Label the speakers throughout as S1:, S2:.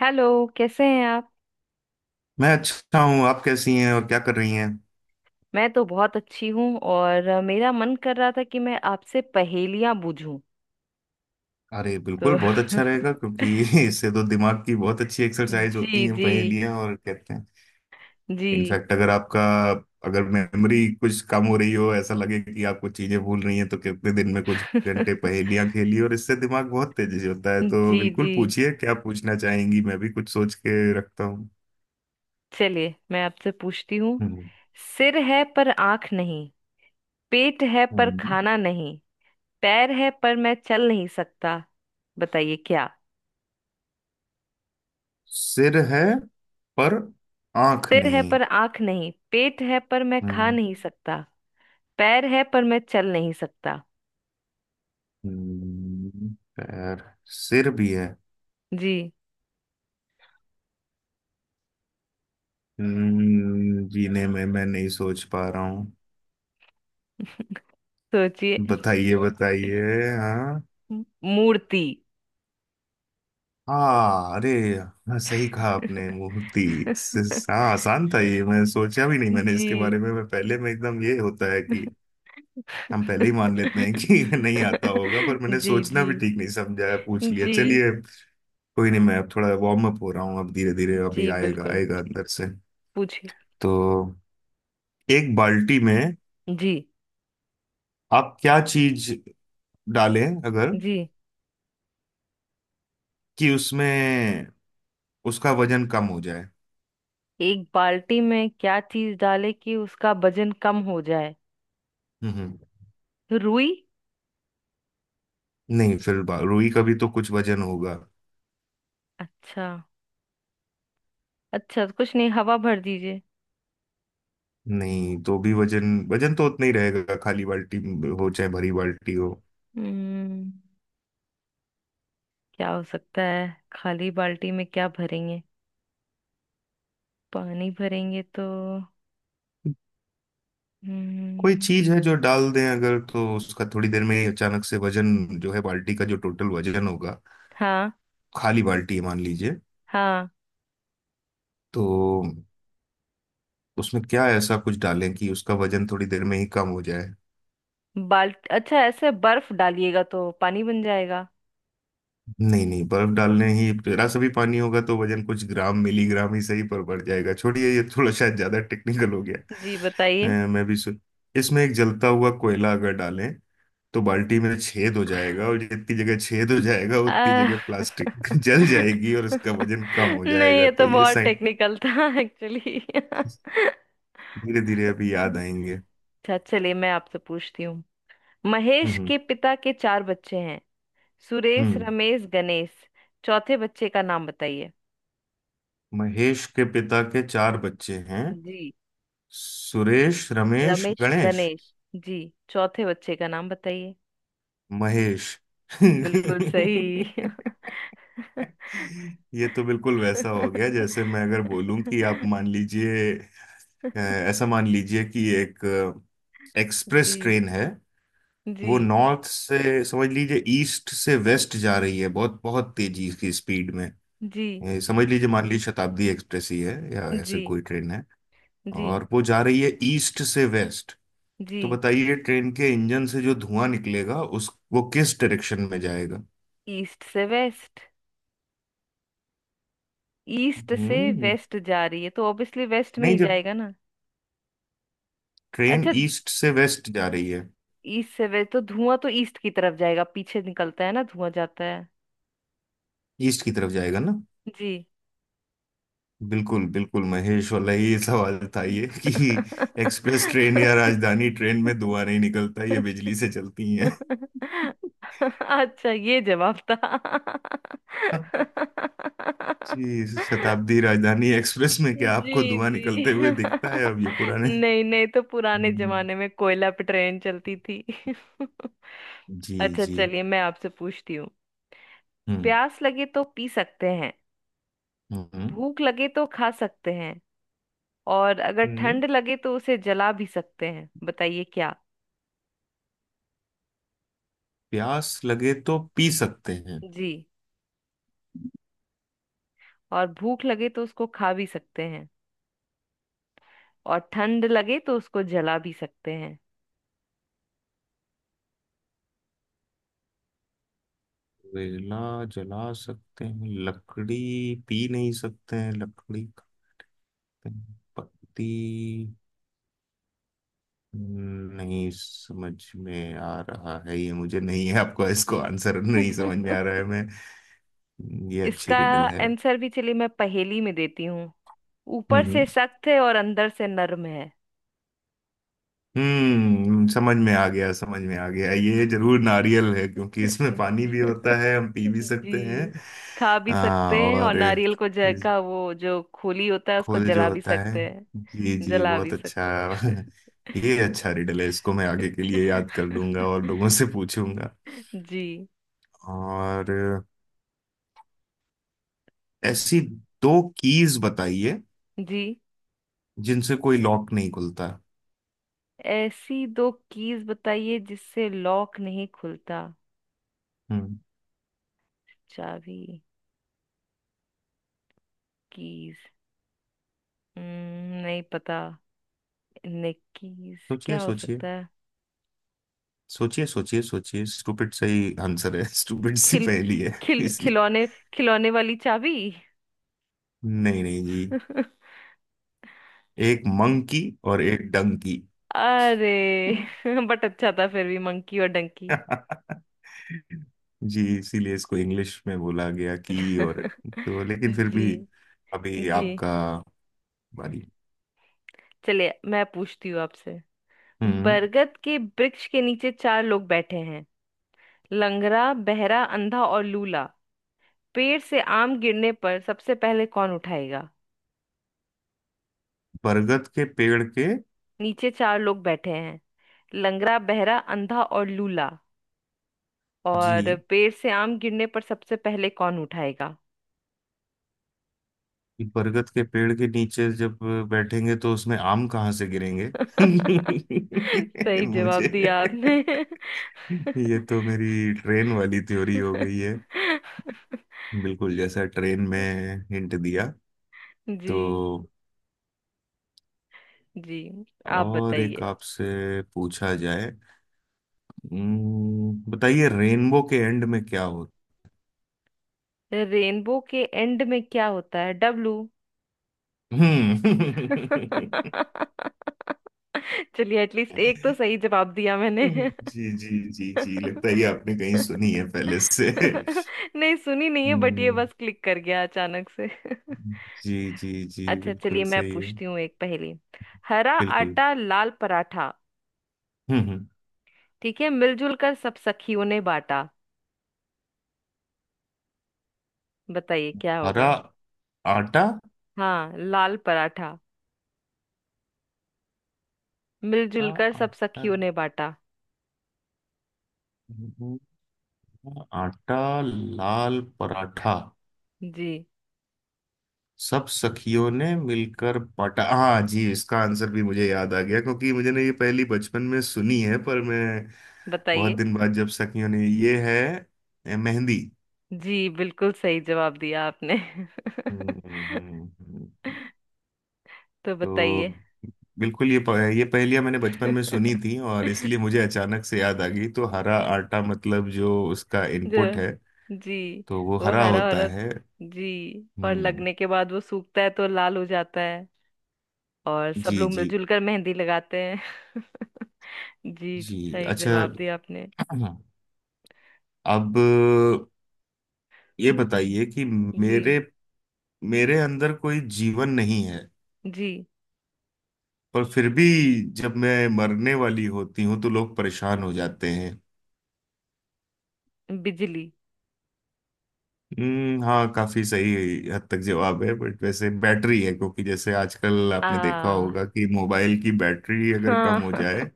S1: Hello. कैसे हैं आप?
S2: मैं अच्छा हूँ। आप कैसी हैं और क्या कर रही हैं?
S1: मैं तो बहुत अच्छी हूँ और मेरा मन कर रहा था कि मैं आपसे पहेलियां बूझूं।
S2: अरे,
S1: तो
S2: बिल्कुल बहुत अच्छा रहेगा क्योंकि इससे तो दिमाग की बहुत अच्छी एक्सरसाइज
S1: जी,
S2: होती है
S1: जी।
S2: पहेलियाँ, और कहते हैं
S1: जी।
S2: इनफैक्ट अगर मेमोरी कुछ कम हो रही हो, ऐसा लगे कि आप कुछ चीजें भूल रही हैं, तो कितने दिन में कुछ घंटे पहेलियाँ खेली और इससे दिमाग बहुत तेजी से होता है। तो
S1: जी,
S2: बिल्कुल
S1: जी।
S2: पूछिए, क्या पूछना चाहेंगी, मैं भी कुछ सोच के रखता हूँ।
S1: चलिए, मैं आपसे पूछती हूँ।
S2: हम्म।
S1: सिर है पर आंख नहीं। पेट है पर
S2: हम्म।
S1: खाना नहीं। पैर है पर मैं चल नहीं सकता। बताइए क्या?
S2: सिर है पर आंख
S1: सिर है
S2: नहीं।
S1: पर आंख नहीं। पेट है पर मैं खा
S2: हम्म।
S1: नहीं सकता। पैर है पर मैं चल नहीं सकता।
S2: हम्म, पैर। सिर भी है।
S1: जी।
S2: जीने में मैं नहीं सोच पा रहा हूँ।
S1: सोचिए।
S2: बताइए, बताइए। हाँ।
S1: मूर्ति।
S2: हाँ, अरे। हाँ, सही कहा आपने, मूर्ति। हाँ, आसान था, ये मैं सोचा भी नहीं, मैंने
S1: जी।
S2: इसके बारे में, मैं पहले में एकदम ये होता है कि हम पहले ही मान लेते हैं कि नहीं आता होगा, पर मैंने
S1: जी,
S2: सोचना
S1: जी,
S2: भी ठीक नहीं समझा, है पूछ लिया,
S1: जी,
S2: चलिए। कोई नहीं, मैं अब थोड़ा वार्म अप हो रहा हूँ, अब धीरे धीरे अभी
S1: जी।
S2: आएगा
S1: बिल्कुल,
S2: आएगा अंदर से।
S1: पूछिए।
S2: तो एक बाल्टी में
S1: जी,
S2: आप क्या चीज डालें अगर,
S1: जी।
S2: कि उसमें उसका वजन कम हो जाए?
S1: एक बाल्टी में क्या चीज डाले कि उसका वजन कम हो जाए?
S2: हम्म।
S1: रुई।
S2: नहीं, फिर रुई का भी तो कुछ वजन होगा।
S1: अच्छा, अच्छा। तो कुछ नहीं, हवा भर दीजिए।
S2: नहीं, तो भी वजन वजन तो उतना ही रहेगा, खाली बाल्टी हो चाहे भरी बाल्टी हो।
S1: हम्म। क्या हो सकता है? खाली बाल्टी में क्या भरेंगे? पानी भरेंगे तो।
S2: कोई
S1: हम्म।
S2: चीज है जो डाल दें अगर, तो उसका थोड़ी देर में ही अचानक से वजन जो है, बाल्टी का जो टोटल वजन होगा,
S1: हाँ,
S2: खाली बाल्टी है मान लीजिए,
S1: हाँ।
S2: तो उसमें क्या ऐसा कुछ डालें कि उसका वजन थोड़ी देर में ही कम हो जाए?
S1: बाल्ट अच्छा, ऐसे बर्फ डालिएगा तो पानी बन जाएगा।
S2: नहीं नहीं, बर्फ डालने ही जरा सा भी पानी होगा तो वजन कुछ ग्राम, मिलीग्राम ही सही पर बढ़ जाएगा, छोड़िए, ये थोड़ा शायद ज्यादा टेक्निकल हो गया।
S1: जी, बताइए।
S2: अ, मैं भी सो... इसमें एक जलता हुआ कोयला अगर डालें तो बाल्टी में छेद हो जाएगा और जितनी जगह छेद हो जाएगा
S1: आ,
S2: उतनी जगह प्लास्टिक जल जाएगी और उसका वजन कम हो
S1: नहीं,
S2: जाएगा,
S1: ये
S2: तो
S1: तो
S2: ये
S1: बहुत
S2: साइंस।
S1: टेक्निकल था एक्चुअली।
S2: धीरे धीरे अभी याद आएंगे।
S1: अच्छा, चलिए, मैं आपसे पूछती हूँ। महेश
S2: हम्म।
S1: के पिता के चार बच्चे हैं। सुरेश,
S2: हम्म।
S1: रमेश, गणेश। चौथे बच्चे का नाम बताइए।
S2: महेश के पिता के चार बच्चे हैं,
S1: जी।
S2: सुरेश, रमेश,
S1: रमेश,
S2: गणेश,
S1: गणेश। जी। चौथे बच्चे का नाम बताइए।
S2: महेश
S1: बिल्कुल सही।
S2: ये तो बिल्कुल वैसा हो गया जैसे मैं अगर बोलूं कि आप मान लीजिए, ऐसा मान लीजिए कि एक एक्सप्रेस
S1: जी,
S2: ट्रेन है,
S1: जी,
S2: वो नॉर्थ से, समझ लीजिए ईस्ट से वेस्ट जा रही है बहुत बहुत तेजी की स्पीड में।
S1: जी,
S2: समझ लीजिए, मान लीजिए शताब्दी एक्सप्रेस ही है या ऐसे
S1: जी,
S2: कोई ट्रेन है,
S1: जी,
S2: और वो जा रही है ईस्ट से वेस्ट।
S1: जी।
S2: तो बताइए, ट्रेन के इंजन से जो धुआं निकलेगा उस, वो किस डायरेक्शन में जाएगा?
S1: ईस्ट से वेस्ट। ईस्ट से
S2: हम्म
S1: वेस्ट जा रही है तो ऑब्वियसली वेस्ट में
S2: नहीं,
S1: ही
S2: जब
S1: जाएगा ना।
S2: ट्रेन
S1: अच्छा।
S2: ईस्ट से वेस्ट जा रही है,
S1: ईस्ट से वेस्ट तो धुआं तो ईस्ट की तरफ जाएगा। पीछे निकलता है ना, धुआं जाता है।
S2: ईस्ट की तरफ जाएगा ना?
S1: जी।
S2: बिल्कुल बिल्कुल, महेश वाला ये सवाल था, ये कि एक्सप्रेस ट्रेन या राजधानी ट्रेन में धुआं नहीं निकलता, ये बिजली से चलती हैं।
S1: अच्छा, ये जवाब था।
S2: जी, शताब्दी राजधानी एक्सप्रेस में क्या आपको
S1: जी,
S2: धुआं
S1: जी।
S2: निकलते हुए दिखता है? अब ये पुराने
S1: नहीं, नहीं तो पुराने
S2: हम्म।
S1: जमाने में कोयला पे ट्रेन चलती थी।
S2: जी,
S1: अच्छा,
S2: जी।
S1: चलिए, मैं आपसे पूछती हूँ।
S2: हम्म।
S1: प्यास लगे तो पी सकते हैं।
S2: हम्म।
S1: भूख लगे तो खा सकते हैं। और अगर
S2: हम्म।
S1: ठंड लगे तो उसे जला भी सकते हैं। बताइए क्या?
S2: प्यास लगे तो पी सकते हैं,
S1: जी, और भूख लगे तो उसको खा भी सकते हैं। और ठंड लगे तो उसको जला भी सकते
S2: कोयला जला सकते हैं, लकड़ी, पी नहीं सकते हैं, लकड़ी, खाते हैं, पत्ती, नहीं समझ में आ रहा है, ये मुझे नहीं है, आपको इसको आंसर
S1: हैं।
S2: नहीं समझ में आ रहा है मैं, ये अच्छी
S1: इसका
S2: रिडल है।
S1: आंसर भी, चलिए मैं पहेली में देती हूँ। ऊपर
S2: हम्म
S1: से सख्त है और अंदर से नर्म है।
S2: समझ में आ गया, समझ में आ गया, ये जरूर नारियल है, क्योंकि इसमें पानी भी होता है, हम पी भी सकते हैं।
S1: जी, खा भी सकते हैं। और
S2: और
S1: नारियल को जल का वो जो खोली होता है उसको
S2: खोल जो
S1: जला भी
S2: होता है,
S1: सकते हैं।
S2: जी जी,
S1: जला भी
S2: बहुत अच्छा
S1: सकते हैं।
S2: ये अच्छा रिडल है, इसको मैं आगे के लिए याद कर लूंगा और लोगों से पूछूंगा।
S1: जी,
S2: और ऐसी दो कीज बताइए
S1: जी।
S2: जिनसे कोई लॉक नहीं खुलता?
S1: ऐसी दो कीज बताइए जिससे लॉक नहीं खुलता?
S2: हम्म।
S1: चाबी? कीज? नहीं पता। नहीं, कीज।
S2: सोचिए
S1: क्या हो
S2: सोचिए
S1: सकता है?
S2: सोचिए सोचिए सोचिए, स्टूपिड सही आंसर है स्टूपिड सी
S1: खिल
S2: पहेली है
S1: खिल
S2: इसलिए।
S1: खिलौने खिलौने वाली चाबी।
S2: नहीं नहीं जी,
S1: हम्म।
S2: एक मंकी और एक डंकी
S1: अरे, बट अच्छा था फिर भी, मंकी और डंकी।
S2: जी, इसीलिए इसको इंग्लिश में बोला गया की, और तो लेकिन फिर
S1: जी,
S2: भी, अभी
S1: जी।
S2: आपका बारी।
S1: चलिए, मैं पूछती हूँ आपसे।
S2: हम्म।
S1: बरगद के वृक्ष के नीचे चार लोग बैठे हैं। लंगड़ा, बहरा, अंधा और लूला। पेड़ से आम गिरने पर सबसे पहले कौन उठाएगा?
S2: बरगद के पेड़ के,
S1: नीचे चार लोग बैठे हैं। लंगड़ा, बहरा, अंधा और लूला। और
S2: जी,
S1: पेड़ से आम गिरने पर सबसे पहले कौन उठाएगा?
S2: बरगद के पेड़ के नीचे जब बैठेंगे तो उसमें आम कहाँ से गिरेंगे?
S1: सही
S2: मुझे,
S1: जवाब दिया आपने।
S2: ये तो मेरी ट्रेन वाली थ्योरी हो गई है, बिल्कुल जैसा ट्रेन में हिंट दिया,
S1: जी,
S2: तो
S1: जी। आप
S2: और एक
S1: बताइए।
S2: आपसे पूछा जाए। बताइए रेनबो के एंड में क्या होता?
S1: रेनबो के एंड में क्या होता है? डब्लू।
S2: हम्म
S1: चलिए, एटलीस्ट एक तो सही जवाब दिया मैंने।
S2: जी जी जी जी, लगता है ये आपने कहीं सुनी है पहले से।
S1: नहीं, सुनी नहीं है, बट ये
S2: हम्म,
S1: बस क्लिक कर गया अचानक से।
S2: जी जी जी,
S1: अच्छा,
S2: बिल्कुल
S1: चलिए, मैं
S2: सही है।
S1: पूछती हूँ एक पहेली। हरा
S2: बिल्कुल।
S1: आटा, लाल पराठा।
S2: हम्म। हम्म।
S1: ठीक है, मिलजुल कर सब सखियों ने बांटा। बताइए क्या
S2: हरा
S1: होगा?
S2: आटा,
S1: हाँ, लाल पराठा।
S2: आ-
S1: मिलजुल कर
S2: आटा,
S1: सब सखियों ने बांटा।
S2: हम्म, आटा, लाल पराठा,
S1: जी,
S2: सब सखियों ने मिलकर पटा, हाँ जी, इसका आंसर भी मुझे याद आ गया क्योंकि मुझे ने ये पहली बचपन में सुनी है, पर मैं बहुत
S1: बताइए।
S2: दिन बाद जब सखियों ने ये है, मेहंदी।
S1: जी, बिल्कुल सही जवाब दिया आपने।
S2: हम्म। हम्म। हम्म।
S1: तो
S2: तो
S1: बताइए।
S2: बिल्कुल ये ये पहेलियां मैंने बचपन में सुनी थी और इसलिए मुझे अचानक से याद आ गई, तो हरा आटा मतलब जो उसका
S1: जो।
S2: इनपुट है,
S1: जी।
S2: तो वो
S1: वो
S2: हरा
S1: हरा,
S2: होता
S1: हरा।
S2: है।
S1: जी। और
S2: हम्म।
S1: लगने के बाद वो सूखता है तो लाल हो जाता है। और सब
S2: जी
S1: लोग
S2: जी।
S1: मिलजुल कर मेहंदी लगाते हैं। जी।
S2: जी
S1: सही
S2: अच्छा।
S1: जवाब दिया आपने।
S2: अब ये
S1: जी,
S2: बताइए कि
S1: जी,
S2: मेरे मेरे अंदर कोई जीवन नहीं है,
S1: जी।
S2: पर फिर भी जब मैं मरने वाली होती हूँ तो लोग परेशान हो जाते हैं।
S1: बिजली।
S2: हम्म, हाँ, काफी सही हद तक जवाब है, बट वैसे बैटरी है, क्योंकि जैसे आजकल आपने देखा
S1: आ
S2: होगा कि मोबाइल की बैटरी अगर कम
S1: हाँ।
S2: हो जाए,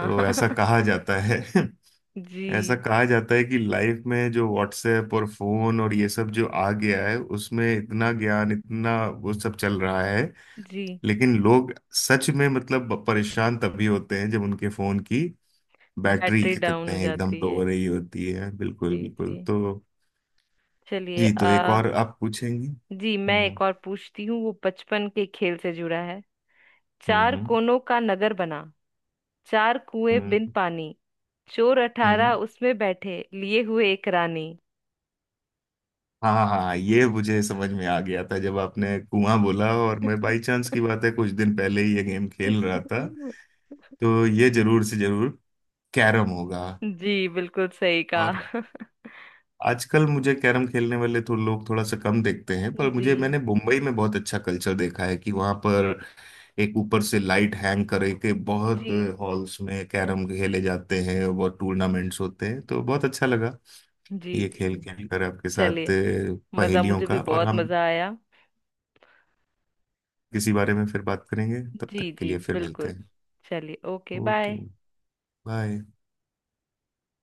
S2: तो
S1: हाँ।
S2: ऐसा कहा जाता है
S1: जी,
S2: ऐसा कहा जाता है कि लाइफ में जो व्हाट्सएप और फोन और ये सब जो आ गया है, उसमें इतना ज्ञान, इतना वो सब चल रहा है,
S1: जी।
S2: लेकिन लोग सच में मतलब परेशान तभी होते हैं जब उनके फोन की बैटरी,
S1: बैटरी
S2: क्या कहते
S1: डाउन हो
S2: हैं, एकदम
S1: जाती
S2: लो
S1: है।
S2: हो रही होती है, बिल्कुल
S1: जी,
S2: बिल्कुल।
S1: जी,
S2: तो
S1: चलिए।
S2: जी, तो
S1: आ
S2: एक और आप पूछेंगे?
S1: जी, मैं एक
S2: हम्म।
S1: और पूछती हूँ, वो बचपन के खेल से जुड़ा है। चार
S2: हम्म।
S1: कोनों का नगर बना। चार कुएं
S2: हम्म।
S1: बिन पानी। चोर
S2: हम्म।
S1: 18 उसमें बैठे, लिए हुए एक रानी।
S2: हाँ हाँ, ये मुझे समझ में आ गया था जब आपने कुआं बोला, और मैं बाई चांस की बात है, कुछ दिन पहले ही ये गेम खेल रहा था, तो ये जरूर से जरूर कैरम होगा।
S1: जी, बिल्कुल सही
S2: और
S1: कहा।
S2: आजकल मुझे कैरम खेलने वाले तो लोग थोड़ा सा कम देखते हैं, पर
S1: जी,
S2: मुझे, मैंने मुंबई में बहुत अच्छा कल्चर देखा है कि वहां पर एक ऊपर से लाइट हैंग करे के, बहुत
S1: जी,
S2: हॉल्स में कैरम खेले जाते हैं और बहुत टूर्नामेंट्स होते हैं, तो बहुत अच्छा लगा।
S1: जी,
S2: ये खेल
S1: जी।
S2: खेल कर आपके साथ,
S1: चलिए, मज़ा,
S2: पहेलियों
S1: मुझे भी
S2: का, और
S1: बहुत
S2: हम
S1: मज़ा आया।
S2: किसी बारे में फिर बात करेंगे, तब तक
S1: जी,
S2: के
S1: जी,
S2: लिए फिर मिलते
S1: बिल्कुल।
S2: हैं।
S1: चलिए, ओके,
S2: ओके,
S1: बाय।
S2: बाय।